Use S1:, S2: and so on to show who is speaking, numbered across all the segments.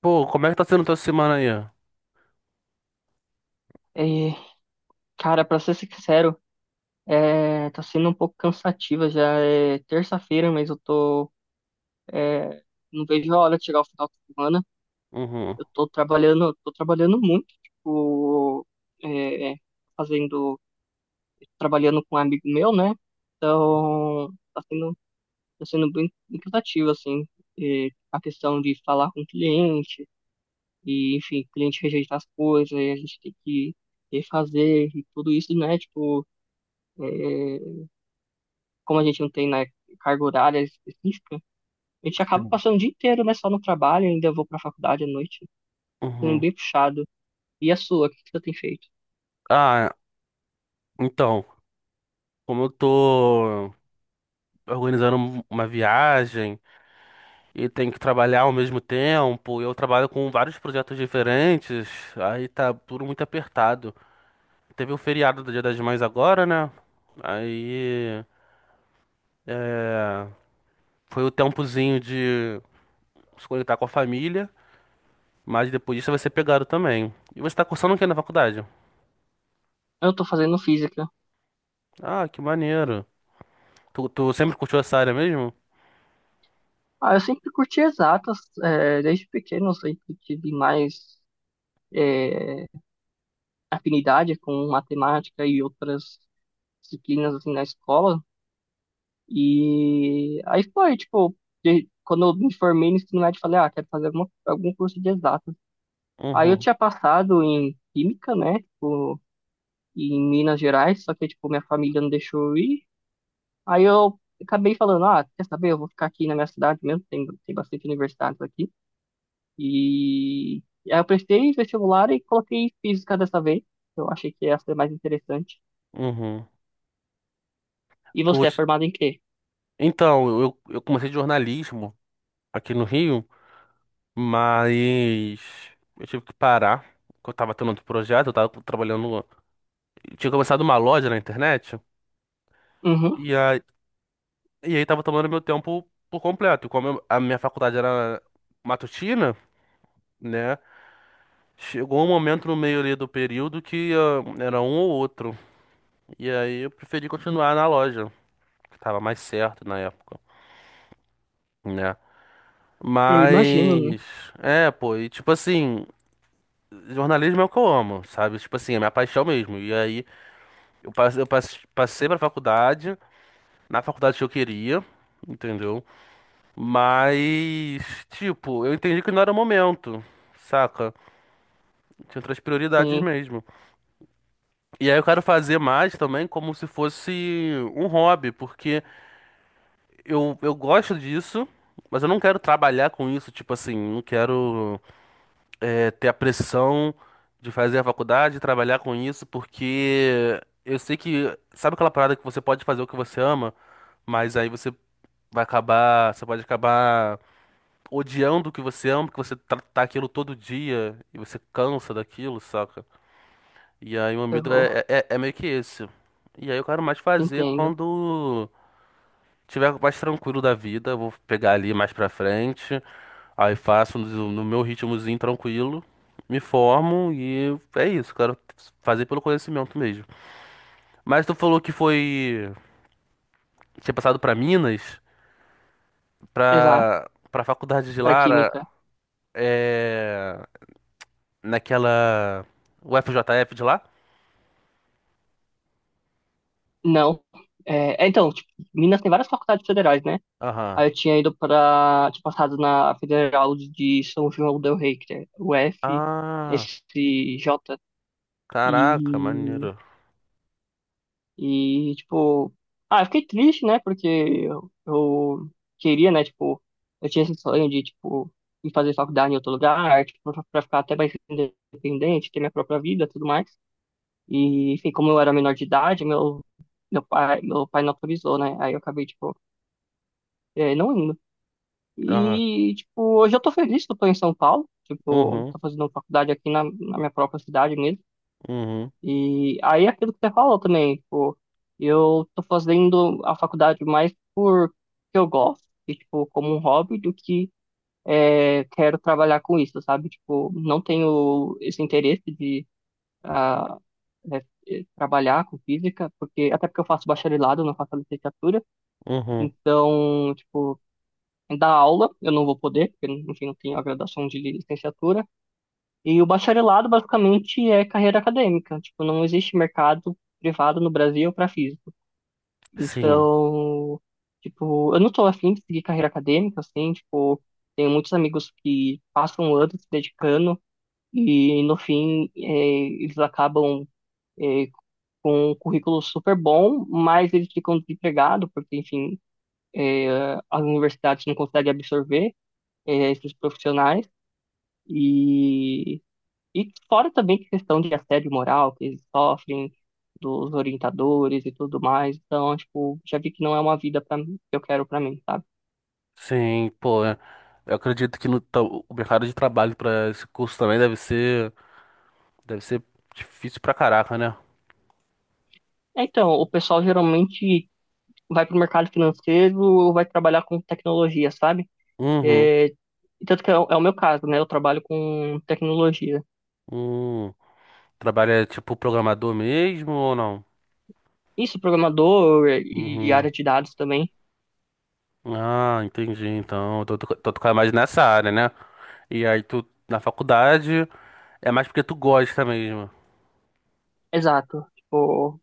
S1: Pô, como é que tá sendo tua semana aí?
S2: E cara, pra ser sincero, tá sendo um pouco cansativa. Já é terça-feira, mas eu tô. é, não vejo a hora de chegar o final de semana.
S1: Uhum.
S2: Eu tô trabalhando muito, tipo, é, fazendo. Trabalhando com um amigo meu, né? Então, tá sendo bem cansativo, assim. É a questão de falar com o cliente, e, enfim, o cliente rejeitar as coisas, e a gente tem que refazer, e tudo isso, né? Tipo. é, Como a gente não tem, né, carga horária específica, a gente acaba
S1: Sim.
S2: passando o dia inteiro, né, só no trabalho, ainda vou pra faculdade à noite, sendo
S1: Uhum.
S2: bem puxado. E a sua, o que que você tem feito?
S1: Ah, então, como eu tô organizando uma viagem e tenho que trabalhar ao mesmo tempo, eu trabalho com vários projetos diferentes, aí tá tudo muito apertado. Teve o feriado do Dia das Mães agora, né? Aí, é, foi o tempozinho de se conectar com a família, mas depois disso vai ser pegado também. E você tá cursando o quê na faculdade?
S2: Eu tô fazendo física.
S1: Ah, que maneiro. Tu sempre curtiu essa área mesmo?
S2: Ah, eu sempre curti exatas, é, desde pequeno eu sempre tive mais é, afinidade com matemática e outras disciplinas, assim, na escola. E aí foi, tipo, quando eu me formei no ensino médio, eu falei, ah, quero fazer alguma, algum curso de exatas. Aí eu
S1: Uhum,
S2: tinha passado em química, né, tipo, em Minas Gerais, só que, tipo, minha família não deixou eu ir. Aí eu acabei falando, ah, quer saber, eu vou ficar aqui na minha cidade mesmo, tem, tem bastante universidades aqui. E aí eu prestei vestibular e coloquei física dessa vez. Eu achei que essa é mais interessante.
S1: uhum.
S2: E você é
S1: Tu-
S2: formado em quê?
S1: então, eu comecei jornalismo aqui no Rio, mas eu tive que parar, porque eu tava tendo outro projeto, eu tava trabalhando. Eu tinha começado uma loja na internet,
S2: Uhum,
S1: e aí, e aí tava tomando meu tempo por completo. E como a minha faculdade era matutina, né? Chegou um momento no meio ali do período que ah, era um ou outro. E aí eu preferi continuar na loja, que tava mais certo na época, né?
S2: eu imagino, né?
S1: Mas. É, pô, e tipo assim, jornalismo é o que eu amo, sabe? Tipo assim, é minha paixão mesmo. E aí, passei pra faculdade, na faculdade que eu queria, entendeu? Mas, tipo, eu entendi que não era o momento, saca? Tinha outras prioridades
S2: Sim,
S1: mesmo. E aí eu quero fazer mais também como se fosse um hobby, porque eu gosto disso, mas eu não quero trabalhar com isso, tipo assim, não quero ter a pressão de fazer a faculdade, trabalhar com isso, porque eu sei que, sabe aquela parada que você pode fazer o que você ama, mas aí você vai acabar, você pode acabar odiando o que você ama, porque você tá aquilo todo dia e você cansa daquilo, saca? E aí o meu medo
S2: eu
S1: é meio que esse. E aí eu quero mais
S2: te
S1: fazer
S2: entendo.
S1: quando tiver mais tranquilo da vida, eu vou pegar ali mais pra frente. Aí faço no meu ritmozinho tranquilo, me formo e é isso, quero fazer pelo conhecimento mesmo. Mas tu falou que foi, tinha passado pra Minas,
S2: Exato,
S1: pra para faculdade de
S2: para
S1: Lara,
S2: química.
S1: é naquela UFJF de lá?
S2: Não. Então, tipo, Minas tem várias faculdades federais, né?
S1: Aham.
S2: Aí eu tinha ido para, tinha passado na Federal de São João del Rei, que é o F,
S1: Ah,
S2: esse J,
S1: caraca,
S2: e,
S1: maneiro.
S2: tipo, ah, eu fiquei triste, né, porque eu queria, né, tipo, eu tinha esse sonho de, tipo, ir fazer faculdade em outro lugar, tipo, pra ficar até mais independente, ter minha própria vida, e tudo mais, e, enfim, como eu era menor de idade, meu, meu pai não autorizou, né, aí eu acabei, tipo, não,
S1: Aham.
S2: E, tipo, hoje eu tô feliz que eu tô em São Paulo. Tipo,
S1: Uhum,
S2: tô fazendo faculdade aqui na, na minha própria cidade mesmo.
S1: uhum,
S2: E aí, é aquilo que você falou também, tipo, eu tô fazendo a faculdade mais por que eu gosto, e, tipo, como um hobby, do que quero trabalhar com isso, sabe? Tipo, não tenho esse interesse de ah, é, trabalhar com física, porque até porque eu faço bacharelado, não faço licenciatura.
S1: uhum.
S2: Então, tipo, da aula, eu não vou poder, porque, enfim, não tenho a graduação de licenciatura. E o bacharelado, basicamente, é carreira acadêmica. Tipo, não existe mercado privado no Brasil para físico.
S1: Sim,
S2: Então, tipo, eu não tô afim de seguir carreira acadêmica, assim, tipo, tenho muitos amigos que passam anos se dedicando e, no fim, eles acabam, eh, com um currículo super bom, mas eles ficam desempregados, porque, enfim, as universidades não conseguem absorver esses profissionais e, e fora também que questão de assédio moral que eles sofrem dos orientadores e tudo mais. Então, tipo, já vi que não é uma vida para mim, que eu quero para mim, sabe?
S1: sim, pô. Eu acredito que no, o mercado de trabalho para esse curso também deve ser. Deve ser difícil pra caraca, né?
S2: É, então, o pessoal geralmente vai para o mercado financeiro ou vai trabalhar com tecnologia, sabe?
S1: Uhum.
S2: É, e tanto que é o meu caso, né? Eu trabalho com tecnologia.
S1: Hum. Trabalha tipo programador mesmo ou não?
S2: Isso, programador e
S1: Uhum.
S2: área de dados também.
S1: Ah, entendi. Então, tu toca mais nessa área, né? E aí tu na faculdade é mais porque tu gosta mesmo.
S2: Exato. Tipo,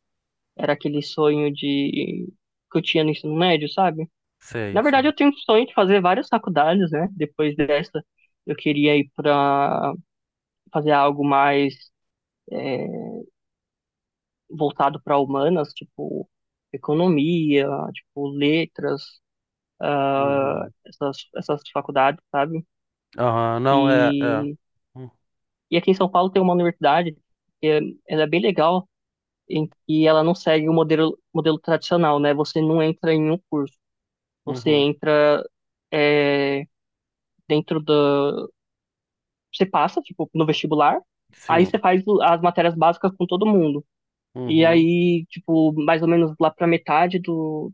S2: era aquele sonho de que eu tinha no ensino médio, sabe?
S1: Sei,
S2: Na verdade,
S1: sei.
S2: eu tenho o sonho de fazer várias faculdades, né? Depois dessa, eu queria ir para fazer algo mais é, voltado para humanas, tipo economia, tipo letras,
S1: Uhum.
S2: essas faculdades, sabe?
S1: Aham, não, é, é.
S2: E,
S1: Hum.
S2: e aqui em São Paulo tem uma universidade que é, ela é bem legal em que ela não segue modelo tradicional, né? Você não entra em um curso, você
S1: Uhum.
S2: entra é, dentro da você passa, tipo, no vestibular, aí você
S1: Sim.
S2: faz as matérias básicas com todo mundo. E
S1: Uhum.
S2: aí, tipo, mais ou menos lá pra metade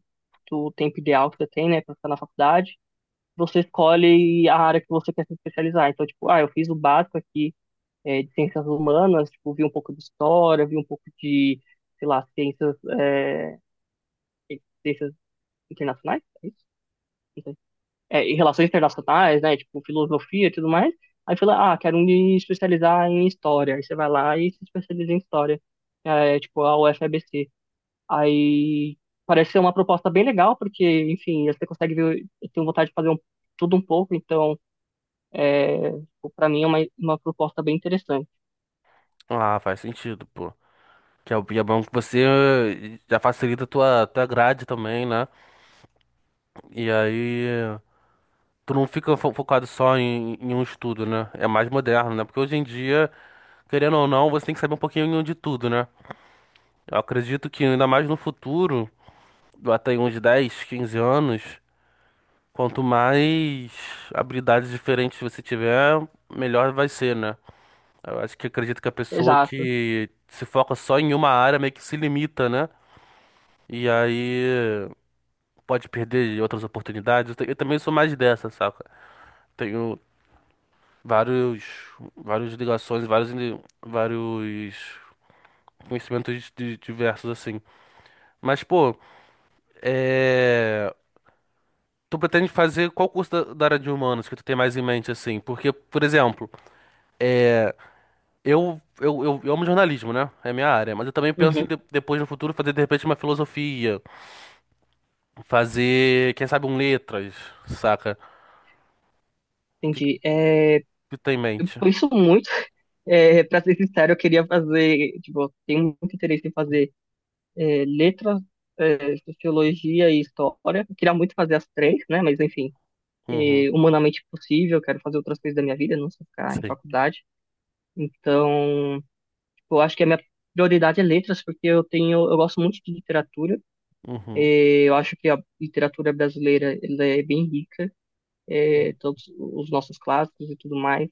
S2: do tempo ideal que você tem, né, pra ficar na faculdade, você escolhe a área que você quer se especializar. Então, tipo, ah, eu fiz o básico aqui, é, de ciências humanas, tipo, vi um pouco de história, vi um pouco de, sei lá, ciências, ciências internacionais, é isso? É, em relações internacionais, né? Tipo, filosofia e tudo mais. Aí fala, ah, quero me especializar em história. Aí você vai lá e se especializa em história. É, tipo, a UFABC. Aí parece ser uma proposta bem legal, porque, enfim, você consegue ver, eu tenho vontade de fazer um, tudo um pouco, então, tipo, pra mim é uma proposta bem interessante.
S1: Ah, faz sentido, pô. Que é e é bom que você já facilita a tua grade também, né? E aí. Tu não fica focado só em, em um estudo, né? É mais moderno, né? Porque hoje em dia, querendo ou não, você tem que saber um pouquinho de tudo, né? Eu acredito que ainda mais no futuro, até em uns 10, 15 anos, quanto mais habilidades diferentes você tiver, melhor vai ser, né? Eu acho que acredito que a pessoa
S2: Exato.
S1: que se foca só em uma área meio que se limita, né? E aí pode perder outras oportunidades. Eu também sou mais dessa, saca? Tenho, vários, vários ligações, vários, vários conhecimentos diversos assim. Mas, pô, é... tu pretende fazer qual curso da, da área de humanos que tu tem mais em mente assim? Porque, por exemplo, é... eu amo jornalismo, né? É minha área, mas eu também penso
S2: Uhum,
S1: em depois no futuro fazer de repente uma filosofia, fazer, quem sabe, um letras, saca? O que que
S2: entendi. É,
S1: tu tem em mente?
S2: por isso muito. É, pra ser sincero, eu queria fazer, tipo, eu tenho muito interesse em fazer letras, sociologia e história. Eu queria muito fazer as três, né? Mas enfim,
S1: Uhum.
S2: é, humanamente possível, eu quero fazer outras coisas da minha vida, não só ficar em
S1: Sim.
S2: faculdade. Então, tipo, eu acho que a minha prioridade é letras, porque eu tenho, eu gosto muito de literatura.
S1: Uhum.
S2: É, eu acho que a literatura brasileira ela é bem rica, é, todos os nossos clássicos e tudo mais.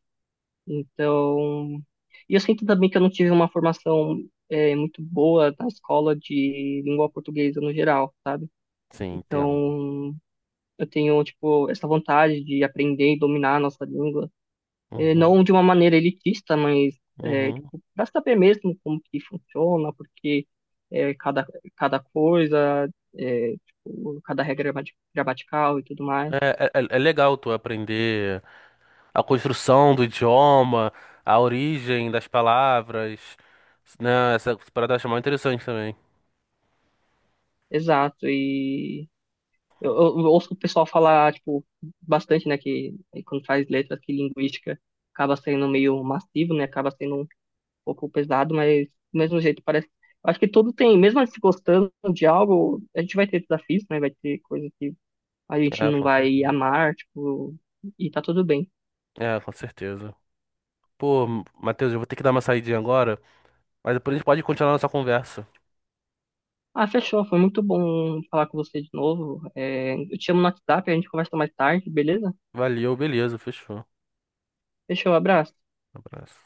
S2: Então, e eu sinto também que eu não tive uma formação muito boa na escola de língua portuguesa no geral, sabe?
S1: Sim, entendo.
S2: Então, eu tenho, tipo, essa vontade de aprender e dominar a nossa língua. Eh,
S1: Uhum.
S2: não de uma maneira elitista, mas, eh,
S1: Uhum.
S2: tipo, para saber mesmo como que funciona, porque cada, cada coisa, eh, tipo, cada gramatical e tudo mais.
S1: É, é, é legal tu aprender a construção do idioma, a origem das palavras, né? Essa parada eu acho mó interessante também.
S2: Exato, e eu ouço o pessoal falar, tipo, bastante, né, que eh, quando faz letras, que linguística acaba sendo meio massivo, né, acaba sendo um pouco pesado, mas do mesmo jeito parece. Eu Acho que tudo tem, mesmo a gente se gostando de algo, a gente vai ter desafios, né? Vai ter coisas que a gente
S1: É,
S2: não
S1: com
S2: vai
S1: certeza.
S2: amar, tipo, e tá tudo bem.
S1: É, com certeza. Pô, Matheus, eu vou ter que dar uma saidinha agora, mas depois a gente pode continuar nossa conversa.
S2: Ah, fechou, foi muito bom falar com você de novo. É, eu te chamo no WhatsApp, a gente conversa mais tarde, beleza?
S1: Valeu, beleza, fechou.
S2: Fechou, abraço.
S1: Abraço.